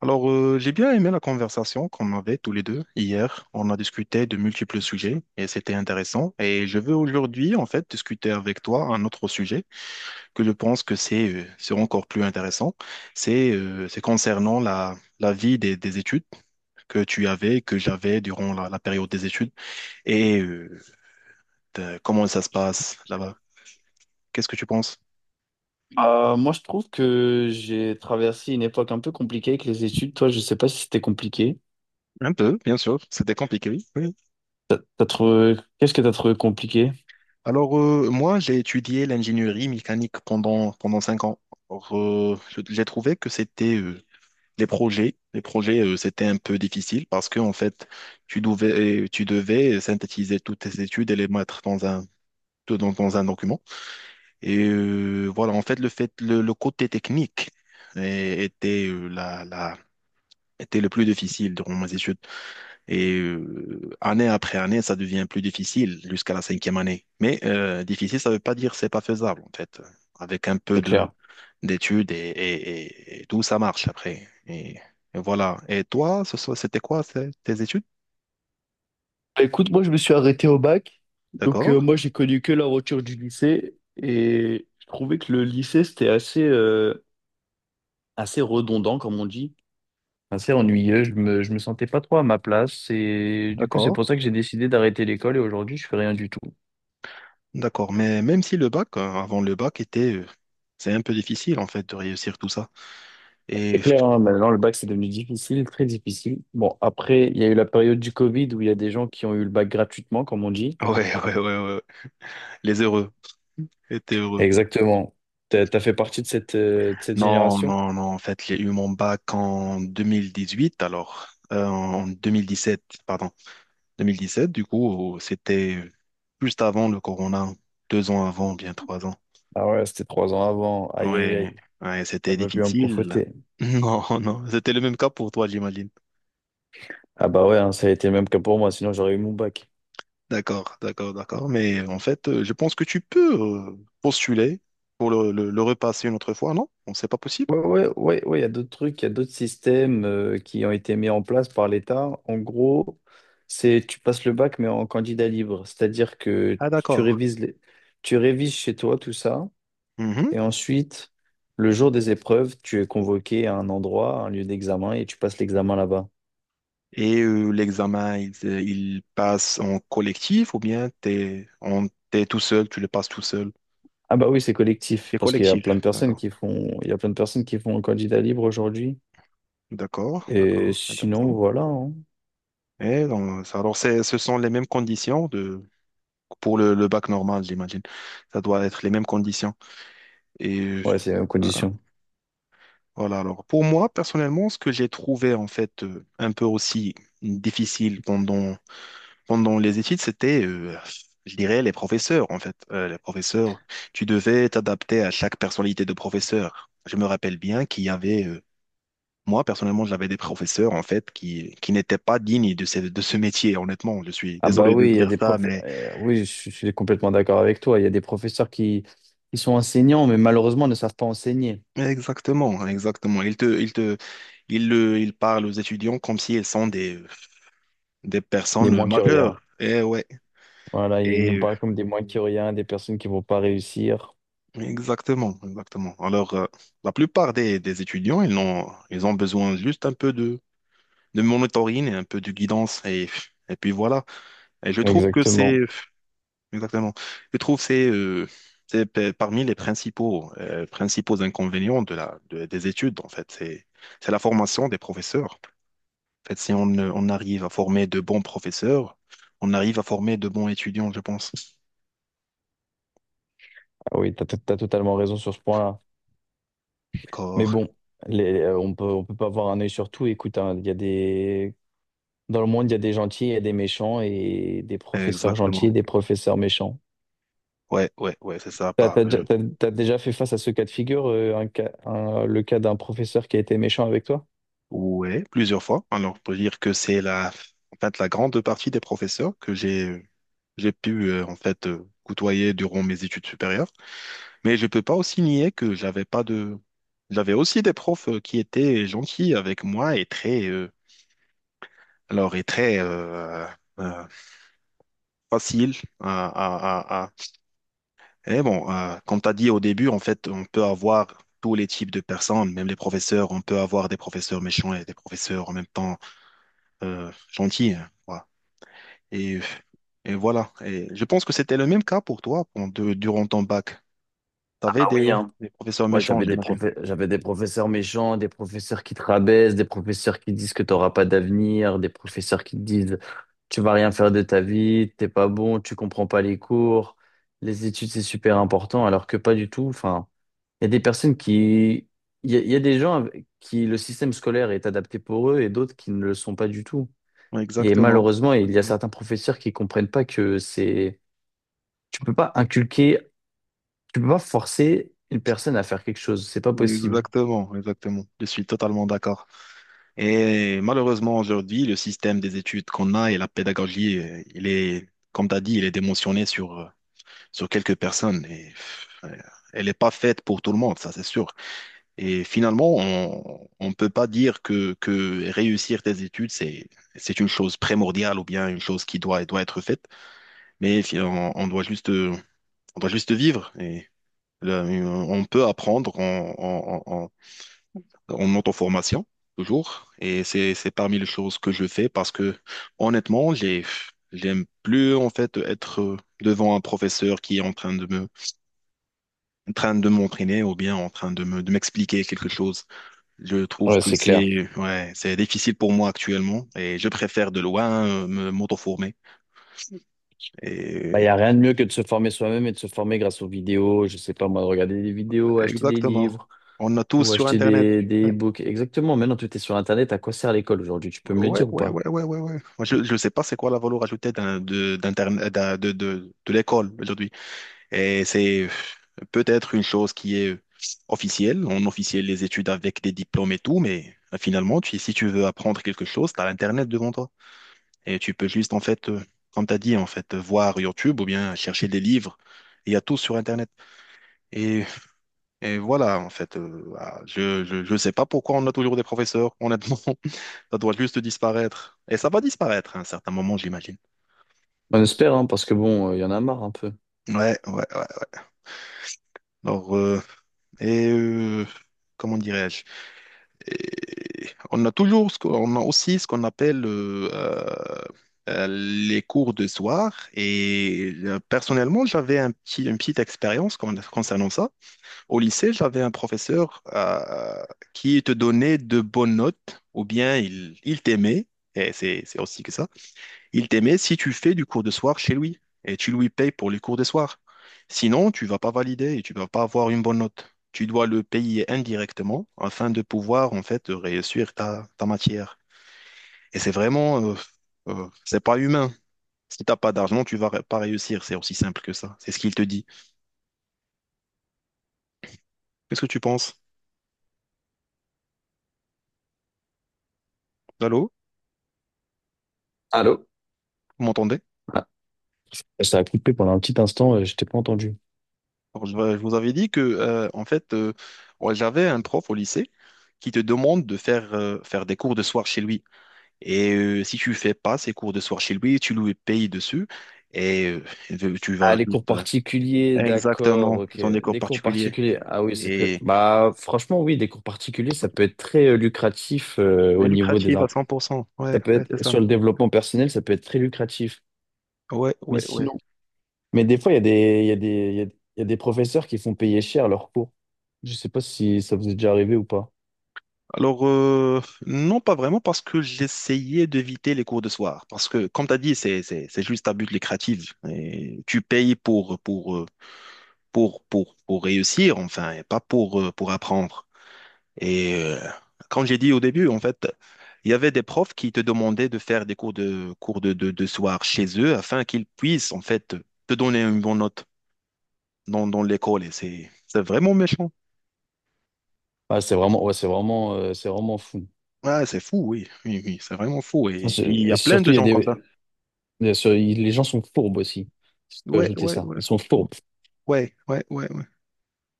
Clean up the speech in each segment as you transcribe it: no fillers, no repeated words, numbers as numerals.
Alors, j'ai bien aimé la conversation qu'on avait tous les deux hier. On a discuté de multiples sujets et c'était intéressant. Et je veux aujourd'hui, en fait, discuter avec toi un autre sujet que je pense que c'est c'est encore plus intéressant. C'est c'est concernant la vie des études que tu avais, que j'avais durant la période des études et comment ça se passe là-bas. Qu'est-ce que tu penses? Moi, je trouve que j'ai traversé une époque un peu compliquée avec les études. Toi, je sais pas si c'était compliqué. Un peu, bien sûr. C'était compliqué, oui. T'as trouvé... Qu'est-ce que t'as trouvé compliqué? Alors, moi, j'ai étudié l'ingénierie mécanique pendant 5 ans. Alors, j'ai trouvé que c'était les projets. Les projets, c'était un peu difficile parce que, en fait, tu devais synthétiser toutes tes études et les mettre dans un document. Et voilà, en fait, le côté technique euh, était, euh, la, la, était le plus difficile durant mes études. Et année après année, ça devient plus difficile jusqu'à la 5e année. Mais difficile, ça ne veut pas dire c'est pas faisable, en fait. Avec un peu C'est de clair. d'études et tout, ça marche après. Et, voilà. Et toi, ce soir, c'était quoi tes études? Bah, écoute, moi, je me suis arrêté au bac. Donc, euh, D'accord, moi, j'ai connu que la rupture du lycée. Et je trouvais que le lycée, c'était assez assez redondant, comme on dit. Assez ennuyeux. Je me sentais pas trop à ma place. Et du coup, c'est pour d'accord, ça que j'ai décidé d'arrêter l'école. Et aujourd'hui, je fais rien du tout. d'accord. Mais même si le bac, avant le bac, c'est un peu difficile, en fait, de réussir tout ça. C'est Et clair, hein, maintenant le bac c'est devenu difficile, très difficile. Bon, après, il y a eu la période du Covid où il y a des gens qui ont eu le bac gratuitement, comme on dit. ouais, ouais, ouais, ouais. Les heureux étaient heureux. Exactement. T'as fait partie de cette de cette Non, génération? non, non. En fait, j'ai eu mon bac en 2018, alors en 2017, pardon, 2017. Du coup, c'était juste avant le corona, 2 ans avant, bien 3 ans. Ah ouais, c'était trois ans avant. Aïe, aïe, Ouais, aïe. ouais, Ça c'était peut plus me difficile. profiter. Non, non, c'était le même cas pour toi, j'imagine. Ah bah ouais, hein, ça a été le même cas pour moi, sinon j'aurais eu mon bac. D'accord, d'accord, d'accord. Mais en fait, je pense que tu peux euh, postuler pour le repasser une autre fois, non? Bon, c'est pas possible. Ouais, ouais, ouais, ouais, il y a d'autres trucs, il y a d'autres systèmes qui ont été mis en place par l'État. En gros, c'est tu passes le bac mais en candidat libre, c'est-à-dire que Ah, d'accord. Tu révises chez toi tout ça. Et ensuite, le jour des épreuves, tu es convoqué à un endroit, à un lieu d'examen, et tu passes l'examen là-bas. Et l'examen, il passe en collectif ou bien t'es tout seul, tu le passes tout seul. Ah bah oui, c'est collectif, C'est parce qu'il y a collectif, plein de personnes d'accord. qui font, il y a plein de personnes qui font un candidat libre aujourd'hui. D'accord, Et d'accord, sinon, intéressant. voilà. Hein. Et donc, alors, ce sont les mêmes conditions pour le bac normal, j'imagine. Ça doit être les mêmes conditions. Et Ouais, c'est en voilà. condition. Voilà, alors, pour moi, personnellement, ce que j'ai trouvé, en fait, un peu aussi difficile pendant pendant les études, c'était, je dirais, les professeurs, en fait. Les professeurs, tu devais t'adapter à chaque personnalité de professeur. Je me rappelle bien qu'il y avait, moi, personnellement, j'avais des professeurs, en fait, qui n'étaient pas dignes de ce métier, honnêtement. Je suis Ah bah désolé de oui, il y a dire des ça, mais oui, je suis complètement d'accord avec toi. Il y a des professeurs qui sont enseignants, mais malheureusement ne savent pas enseigner. mais exactement, exactement. Ils te, ils te, ils le, ils parlent aux étudiants comme s'ils sont des Les personnes moins que rien. majeures. Et ouais. Voilà, ils Et nous parlent comme des moins que rien, des personnes qui vont pas réussir. exactement, exactement. Alors, la plupart des étudiants, ils ont besoin juste un peu de monitoring et un peu de guidance. Et puis voilà. Et je trouve que c'est, Exactement. exactement, je trouve que c'est parmi les principaux inconvénients des études, en fait. C'est la formation des professeurs. En fait, si on arrive à former de bons professeurs, on arrive à former de bons étudiants, je pense. Ah oui, t'as totalement raison sur ce point-là. Mais D'accord. bon, on peut pas avoir un œil sur tout. Écoute, hein, il y a des... Dans le monde, il y a des gentils et des méchants, et des professeurs gentils Exactement. et des professeurs méchants. Ouais, ouais, ouais, c'est ça. T'as, t'as déjà t'as- t'as déjà fait face à ce cas de figure, le cas d'un professeur qui a été méchant avec toi? Ouais, plusieurs fois. Alors, pour dire que c'est la, en fait, la grande partie des professeurs que j'ai pu, en fait, côtoyer durant mes études supérieures. Mais je peux pas aussi nier que j'avais pas de, j'avais aussi des profs qui étaient gentils avec moi et très, et très, euh, facile à, à, à, à- Et bon, comme tu as dit au début, en fait, on peut avoir tous les types de personnes, même les professeurs, on peut avoir des professeurs méchants et des professeurs en même temps, gentils, hein. Voilà. Et, et voilà. Et je pense que c'était le même cas pour toi durant ton bac. Tu Ah avais oui, des, hein. des professeurs Moi, méchants, j'imagine. J'avais des professeurs méchants, des professeurs qui te rabaissent, des professeurs qui disent que tu n'auras pas d'avenir, des professeurs qui te disent tu vas rien faire de ta vie, t'es pas bon, tu comprends pas les cours, les études c'est super important, alors que pas du tout. Enfin, il y a des personnes qui, il y a des gens avec qui le système scolaire est adapté pour eux et d'autres qui ne le sont pas du tout. Et Exactement. malheureusement, il y a Exactement. certains professeurs qui comprennent pas que c'est, tu peux pas inculquer, tu peux pas forcer une personne à faire quelque chose, c'est pas possible. Exactement. Exactement. Je suis totalement d'accord. Et malheureusement, aujourd'hui, le système des études qu'on a et la pédagogie, il est, comme tu as dit, il est démotionné sur, sur quelques personnes. Et, pff, elle n'est pas faite pour tout le monde, ça c'est sûr. Et finalement, on ne peut pas dire que réussir tes études, c'est une chose primordiale ou bien une chose qui doit être faite. Mais on doit juste vivre. Et là, on peut apprendre en auto-formation, toujours. Et c'est parmi les choses que je fais parce que, honnêtement, j'aime plus, en fait, être devant un professeur qui est en train de m'entraîner ou bien en train de m'expliquer quelque chose. Je trouve Ouais, que c'est clair. c'est, ouais, c'est difficile pour moi actuellement et je préfère de loin m'auto-former. Bah, il Et... n'y a rien de mieux que de se former soi-même et de se former grâce aux vidéos. Je sais pas, moi, de regarder des vidéos, acheter des Exactement. livres On a tous ou sur acheter Internet. des e-books. Exactement. Maintenant, tout est sur Internet. À quoi sert l'école aujourd'hui? Tu peux me le Ouais, dire ou ouais, pas? ouais, ouais, ouais, ouais. Moi, je ne sais pas c'est quoi la valeur ajoutée d'un, d'Internet, de l'école aujourd'hui. Et c'est peut-être une chose qui est officielle. On officielle les études avec des diplômes et tout, mais finalement, si tu veux apprendre quelque chose, tu as l'Internet devant toi. Et tu peux juste, en fait, comme tu as dit, en fait, voir YouTube ou bien chercher des livres. Il y a tout sur Internet. Et, et voilà, en fait, je sais pas pourquoi on a toujours des professeurs, honnêtement. Ça doit juste disparaître. Et ça va disparaître à un certain moment, j'imagine. On espère, hein, parce que bon, il y en a marre un peu. Ouais, ouais, ouais. Alors, et euh, comment dirais-je? Et on a toujours, on a aussi ce qu'on appelle les cours de soir. Et personnellement, j'avais une petite expérience concernant ça. Au lycée, j'avais un professeur qui te donnait de bonnes notes, ou bien il t'aimait. Et c'est aussi que ça. Il t'aimait si tu fais du cours de soir chez lui et tu lui payes pour les cours de soir. Sinon, tu vas pas valider et tu vas pas avoir une bonne note. Tu dois le payer indirectement afin de pouvoir en fait réussir ta matière. Et c'est vraiment, c'est pas humain. Si t'as pas d'argent, tu vas pas réussir. C'est aussi simple que ça. C'est ce qu'il te dit. Qu'est-ce que tu penses? Allô? Allô? Vous m'entendez? Ah, ça a coupé pendant un petit instant, je t'ai pas entendu. Alors, je vous avais dit que en fait, ouais, j'avais un prof au lycée qui te demande de faire faire des cours de soir chez lui. Et si tu fais pas ces cours de soir chez lui, tu lui payes dessus et tu Ah, vas les cours juste. particuliers, d'accord, Exactement, ce ok. sont des cours Des cours particuliers. particuliers, ah oui, c'est très... Et Bah, franchement, oui, des cours particuliers, ça peut être très lucratif au c'est niveau des... lucratif à 100%. Ça Ouais, peut ouais, c'est être, ça. sur le développement personnel, ça peut être très lucratif. Ouais, Mais ouais, ouais. sinon, mais des fois, il y a des, il y a des, il y a des professeurs qui font payer cher leurs cours. Je sais pas si ça vous est déjà arrivé ou pas. Alors, non, pas vraiment, parce que j'essayais d'éviter les cours de soir. Parce que, comme tu as dit, c'est juste à but lucratif. Et tu payes pour réussir, enfin, et pas pour apprendre. Et comme j'ai dit au début, en fait, il y avait des profs qui te demandaient de faire des cours de soir chez eux afin qu'ils puissent en fait te donner une bonne note dans l'école. Et c'est vraiment méchant. Ah, c'est vraiment, ouais, c'est vraiment, c'est vraiment fou. Ah, c'est fou, oui, oui, oui, c'est vraiment fou. Et il y Et a plein surtout, de il y a gens comme ça. des... bien sûr, les gens sont fourbes aussi. Si je peux Ouais, ajouter ouais, ça. ouais, Ils sont bon, fourbes. ouais, ouais, ouais, ouais.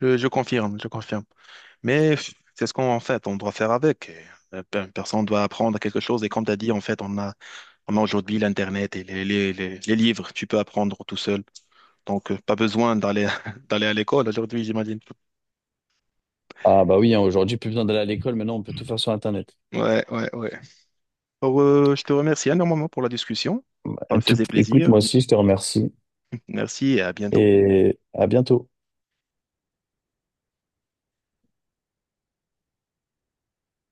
Je confirme, je confirme. Mais pff, c'est ce qu'on en fait, on doit faire avec. Personne doit apprendre quelque chose. Et comme tu as dit, en fait, on a aujourd'hui l'Internet et les livres. Tu peux apprendre tout seul. Donc, pas besoin d'aller d'aller à l'école aujourd'hui, j'imagine. Ah bah oui, hein, aujourd'hui, plus besoin d'aller à l'école, maintenant on peut tout faire sur Internet. Ouais, ouais, ouais. Alors, je te remercie énormément pour la discussion. Ça me faisait Écoute, moi plaisir. aussi, je te remercie Merci et à bientôt. et à bientôt.